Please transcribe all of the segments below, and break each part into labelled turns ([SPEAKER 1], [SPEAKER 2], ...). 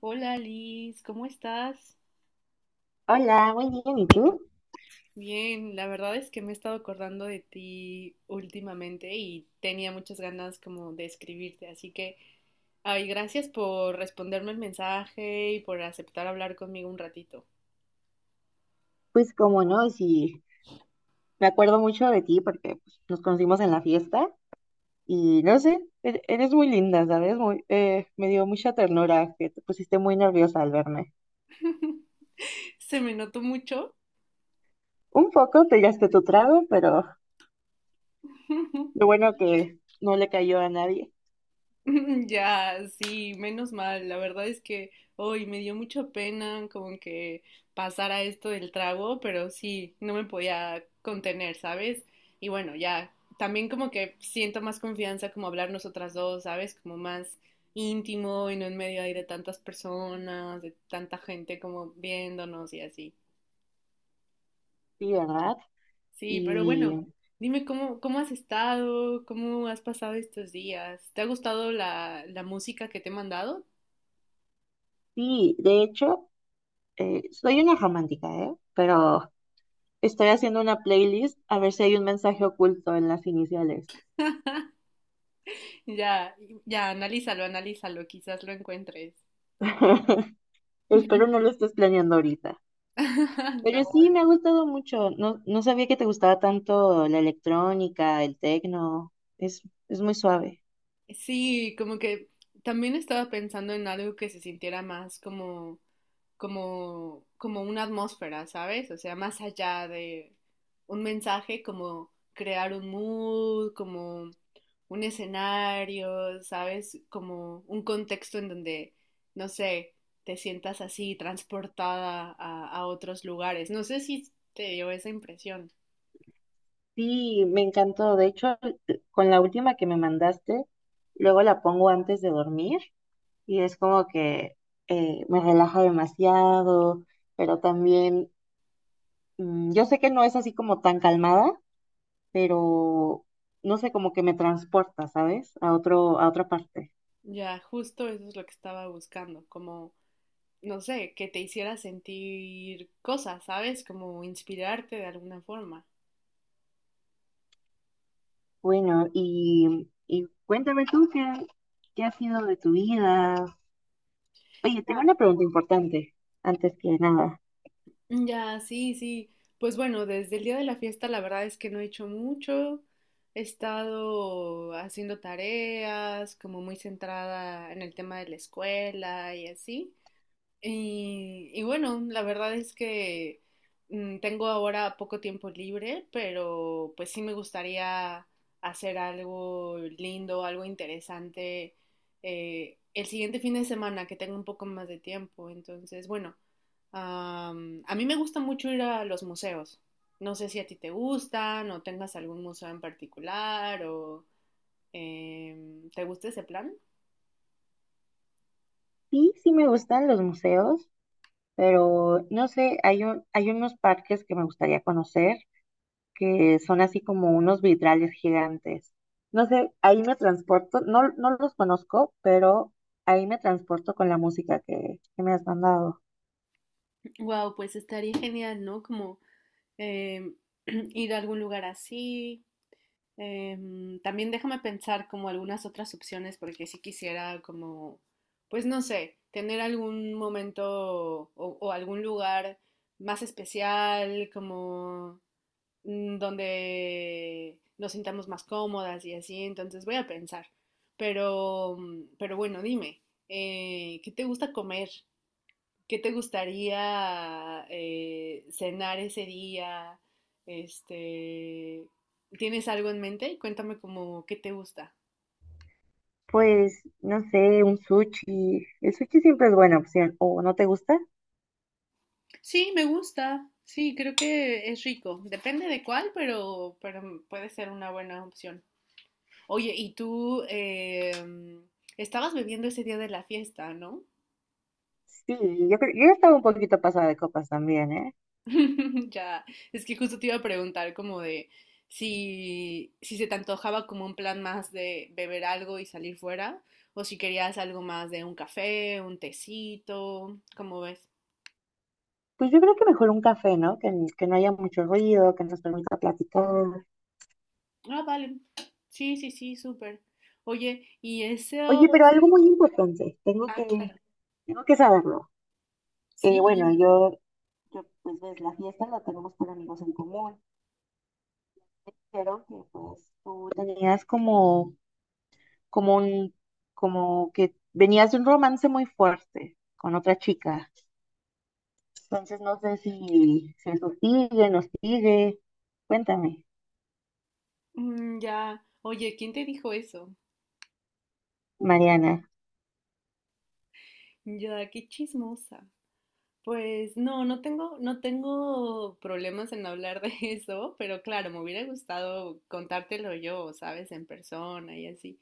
[SPEAKER 1] Hola Liz, ¿cómo estás?
[SPEAKER 2] Hola, muy bien, ¿y tú?
[SPEAKER 1] Bien, la verdad es que me he estado acordando de ti últimamente y tenía muchas ganas como de escribirte, así que, ay, gracias por responderme el mensaje y por aceptar hablar conmigo un ratito.
[SPEAKER 2] Pues como no, sí, me acuerdo mucho de ti porque pues, nos conocimos en la fiesta y no sé, eres muy linda, ¿sabes? Me dio mucha ternura que te pusiste muy nerviosa al verme.
[SPEAKER 1] Se me notó mucho.
[SPEAKER 2] Un poco te tiraste tu trago, pero lo bueno que no le cayó a nadie,
[SPEAKER 1] Ya, sí, menos mal. La verdad es que hoy me dio mucha pena como que pasara esto del trago, pero sí, no me podía contener, ¿sabes? Y bueno, ya, también como que siento más confianza como hablar nosotras dos, ¿sabes? Como más íntimo y no en medio ahí de tantas personas, de tanta gente como viéndonos y así.
[SPEAKER 2] sí, ¿verdad?
[SPEAKER 1] Sí, pero
[SPEAKER 2] Y
[SPEAKER 1] bueno, dime cómo has estado, cómo has pasado estos días. ¿Te ha gustado la música que te he mandado?
[SPEAKER 2] sí, de hecho, soy una romántica, ¿eh? Pero estoy haciendo una playlist a ver si hay un mensaje oculto en las iniciales.
[SPEAKER 1] Ya, ya, analízalo, analízalo, quizás lo encuentres.
[SPEAKER 2] Espero no lo estés planeando ahorita.
[SPEAKER 1] No.
[SPEAKER 2] Pero sí, me ha gustado mucho. No, no sabía que te gustaba tanto la electrónica, el techno. Es, es muy suave.
[SPEAKER 1] Sí, como que también estaba pensando en algo que se sintiera más como, como, como una atmósfera, ¿sabes? O sea, más allá de un mensaje, como crear un mood, como un escenario, ¿sabes? Como un contexto en donde, no sé, te sientas así transportada a otros lugares. No sé si te dio esa impresión.
[SPEAKER 2] Sí, me encantó. De hecho, con la última que me mandaste, luego la pongo antes de dormir y es como que me relaja demasiado, pero también, yo sé que no es así como tan calmada, pero no sé, como que me transporta, ¿sabes? A otro, a otra parte.
[SPEAKER 1] Ya, justo eso es lo que estaba buscando, como, no sé, que te hiciera sentir cosas, ¿sabes? Como inspirarte de alguna forma.
[SPEAKER 2] Bueno, y cuéntame tú qué, qué ha sido de tu vida. Oye, tengo
[SPEAKER 1] Ya.
[SPEAKER 2] una pregunta importante, antes que nada.
[SPEAKER 1] Ya, sí, sí. Pues bueno, desde el día de la fiesta la verdad es que no he hecho mucho. He estado haciendo tareas, como muy centrada en el tema de la escuela y así. Y bueno, la verdad es que tengo ahora poco tiempo libre, pero pues sí me gustaría hacer algo lindo, algo interesante el siguiente fin de semana que tengo un poco más de tiempo. Entonces, bueno, a mí me gusta mucho ir a los museos. No sé si a ti te gustan o tengas algún museo en particular o te gusta ese plan.
[SPEAKER 2] Sí, sí me gustan los museos, pero no sé, hay unos parques que me gustaría conocer que son así como unos vitrales gigantes. No sé, ahí me transporto, no, no los conozco, pero ahí me transporto con la música que me has mandado.
[SPEAKER 1] Wow, pues estaría genial, ¿no? Como eh, ir a algún lugar así. También déjame pensar como algunas otras opciones porque si sí quisiera como, pues no sé, tener algún momento o algún lugar más especial, como donde nos sintamos más cómodas y así, entonces voy a pensar. Pero, pero bueno, dime, ¿qué te gusta comer? ¿Qué te gustaría cenar ese día? Este, ¿tienes algo en mente? Cuéntame como qué te gusta.
[SPEAKER 2] Pues, no sé, un sushi. El sushi siempre es buena opción, ¿o no te gusta?
[SPEAKER 1] Sí, me gusta. Sí, creo que es rico. Depende de cuál, pero puede ser una buena opción. Oye, y tú estabas bebiendo ese día de la fiesta, ¿no?
[SPEAKER 2] Sí, yo estaba un poquito pasada de copas también, ¿eh?
[SPEAKER 1] Ya, es que justo te iba a preguntar como de si, si se te antojaba como un plan más de beber algo y salir fuera, o si querías algo más de un café, un tecito, ¿cómo ves?
[SPEAKER 2] Pues yo creo que mejor un café, ¿no? Que no haya mucho ruido, que nos permita platicar.
[SPEAKER 1] Ah, vale. Sí, sí, sí, súper. Oye, y ese... o-
[SPEAKER 2] Oye, pero algo muy importante,
[SPEAKER 1] Ah, claro.
[SPEAKER 2] tengo que saberlo. Eh,
[SPEAKER 1] Sí,
[SPEAKER 2] bueno,
[SPEAKER 1] dime.
[SPEAKER 2] yo, yo, pues ves, la fiesta la tenemos por amigos en común, pero que pues tú tenías como, como un, como que venías de un romance muy fuerte con otra chica. Entonces no sé si, si eso sigue, nos sigue. Cuéntame,
[SPEAKER 1] Mm, ya. Oye, ¿quién te dijo eso?
[SPEAKER 2] Mariana.
[SPEAKER 1] Ya, qué chismosa. Pues no, no tengo, no tengo problemas en hablar de eso, pero claro, me hubiera gustado contártelo yo, ¿sabes? En persona y así.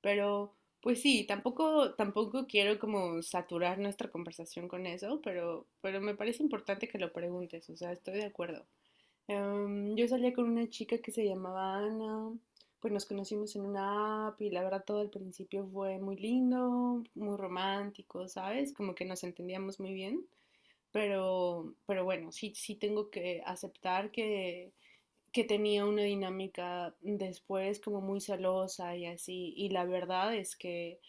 [SPEAKER 1] Pero, pues sí, tampoco, tampoco quiero como saturar nuestra conversación con eso, pero me parece importante que lo preguntes, o sea, estoy de acuerdo. Em, yo salía con una chica que se llamaba Ana, pues nos conocimos en una app y la verdad todo al principio fue muy lindo, muy romántico, ¿sabes? Como que nos entendíamos muy bien. Pero bueno, sí, sí tengo que aceptar que tenía una dinámica después como muy celosa y así. Y la verdad es que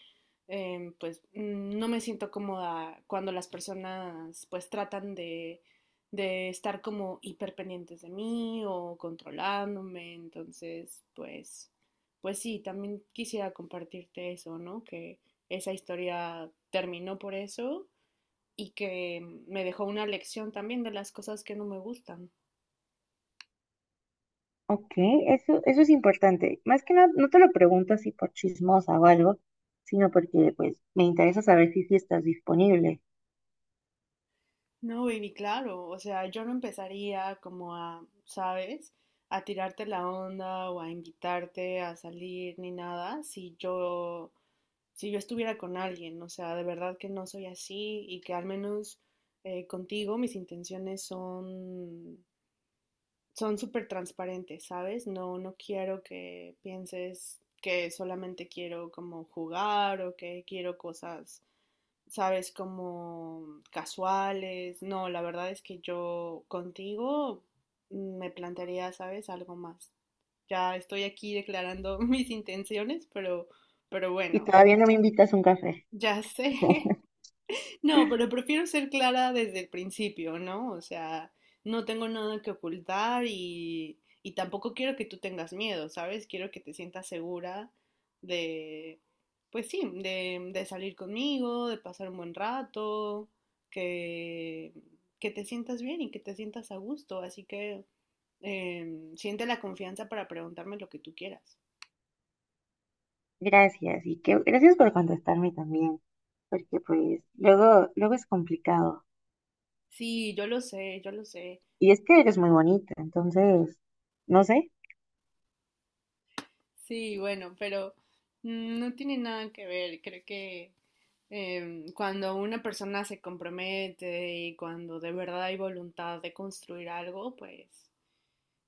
[SPEAKER 1] no me siento cómoda cuando las personas pues tratan de estar como hiperpendientes de mí o controlándome. Entonces, pues, pues sí, también quisiera compartirte eso, ¿no? Que esa historia terminó por eso y que me dejó una lección también de las cosas que no me gustan.
[SPEAKER 2] Ok, eso es importante. Más que nada, no te lo pregunto así por chismosa o algo, sino porque pues me interesa saber si, si estás disponible.
[SPEAKER 1] No, baby, claro, o sea, yo no empezaría como a, ¿sabes? A tirarte la onda o a invitarte a salir ni nada si yo, si yo estuviera con alguien, o sea, de verdad que no soy así y que al menos contigo mis intenciones son súper transparentes, ¿sabes? No, no quiero que pienses que solamente quiero como jugar o que quiero cosas sabes, como casuales. No, la verdad es que yo contigo me plantearía, sabes, algo más. Ya estoy aquí declarando mis intenciones, pero
[SPEAKER 2] Y
[SPEAKER 1] bueno,
[SPEAKER 2] todavía no me invitas a un café.
[SPEAKER 1] ya sé no, pero prefiero ser clara desde el principio, ¿no? O sea, no tengo nada que ocultar y tampoco quiero que tú tengas miedo, ¿sabes? Quiero que te sientas segura de, pues sí, de salir conmigo, de pasar un buen rato, que, que te sientas bien y que te sientas a gusto. Así que siente la confianza para preguntarme lo que tú quieras.
[SPEAKER 2] Gracias, y que gracias por contestarme también, porque pues luego, luego es complicado.
[SPEAKER 1] Sí, yo lo sé, yo lo sé.
[SPEAKER 2] Y es que eres muy bonita, entonces, no sé.
[SPEAKER 1] Sí, bueno, pero no tiene nada que ver. Creo que cuando una persona se compromete y cuando de verdad hay voluntad de construir algo, pues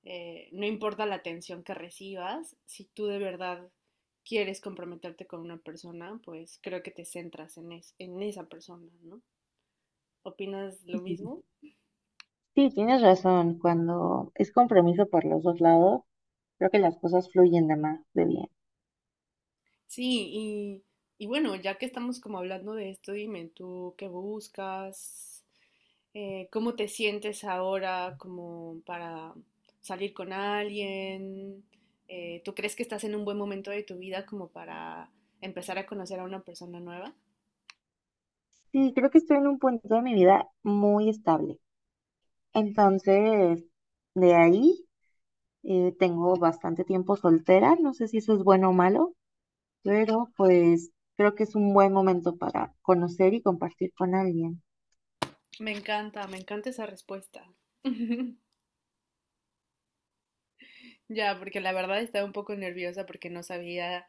[SPEAKER 1] no importa la atención que recibas, si tú de verdad quieres comprometerte con una persona, pues creo que te centras en es- en esa persona, ¿no? ¿Opinas lo
[SPEAKER 2] Ujú.
[SPEAKER 1] mismo?
[SPEAKER 2] Sí, tienes razón, cuando es compromiso por los dos lados, creo que las cosas fluyen de más de bien.
[SPEAKER 1] Sí, y bueno, ya que estamos como hablando de esto, dime tú qué buscas, ¿cómo te sientes ahora como para salir con alguien? ¿Tú crees que estás en un buen momento de tu vida como para empezar a conocer a una persona nueva?
[SPEAKER 2] Sí, creo que estoy en un punto de mi vida muy estable. Entonces, de ahí tengo bastante tiempo soltera, no sé si eso es bueno o malo, pero pues creo que es un buen momento para conocer y compartir con alguien.
[SPEAKER 1] Me encanta esa respuesta. Ya, porque la verdad estaba un poco nerviosa porque no sabía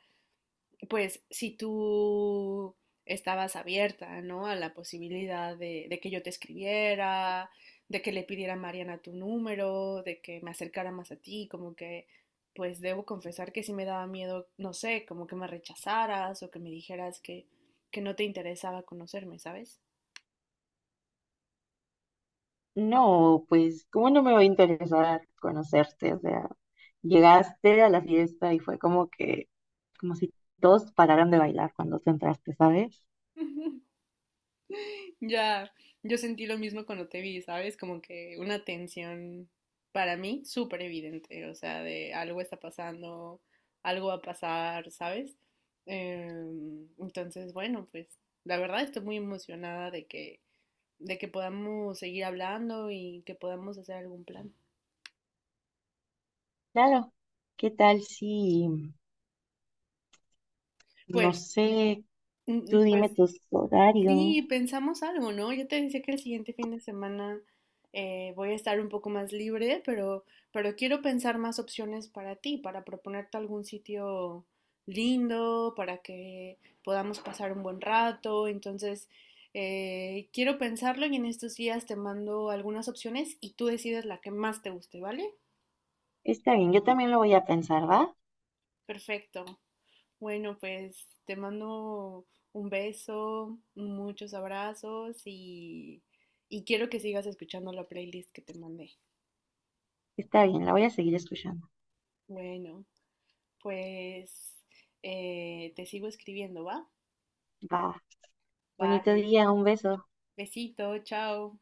[SPEAKER 1] pues si tú estabas abierta, ¿no? A la posibilidad de que yo te escribiera, de que le pidiera a Mariana tu número, de que me acercara más a ti, como que, pues debo confesar que sí me daba miedo, no sé, como que me rechazaras o que me dijeras que no te interesaba conocerme, ¿sabes?
[SPEAKER 2] No, pues, ¿cómo no me va a interesar conocerte? O sea, llegaste a la fiesta y fue como que, como si todos pararan de bailar cuando te entraste, ¿sabes?
[SPEAKER 1] Ya, yo sentí lo mismo cuando te vi, ¿sabes? Como que una tensión para mí súper evidente, o sea, de algo está pasando, algo va a pasar, ¿sabes? Em, entonces, bueno, pues la verdad estoy muy emocionada de que podamos seguir hablando y que podamos hacer algún plan.
[SPEAKER 2] Claro, ¿qué tal si, no
[SPEAKER 1] Pues,
[SPEAKER 2] sé, tú dime
[SPEAKER 1] pues
[SPEAKER 2] tus
[SPEAKER 1] Sí,
[SPEAKER 2] horarios?
[SPEAKER 1] pensamos algo, ¿no? Yo te decía que el siguiente fin de semana voy a estar un poco más libre, pero quiero pensar más opciones para ti, para proponerte algún sitio lindo, para que podamos pasar un buen rato. Entonces, quiero pensarlo y en estos días te mando algunas opciones y tú decides la que más te guste, ¿vale?
[SPEAKER 2] Está bien, yo también lo voy a pensar, ¿va?
[SPEAKER 1] Perfecto. Bueno, pues te mando un beso, muchos abrazos y quiero que sigas escuchando la playlist que te mandé.
[SPEAKER 2] Está bien, la voy a seguir escuchando.
[SPEAKER 1] Bueno, pues te sigo escribiendo, ¿va?
[SPEAKER 2] Va. Bonito
[SPEAKER 1] Vale,
[SPEAKER 2] día, un beso.
[SPEAKER 1] besito, chao.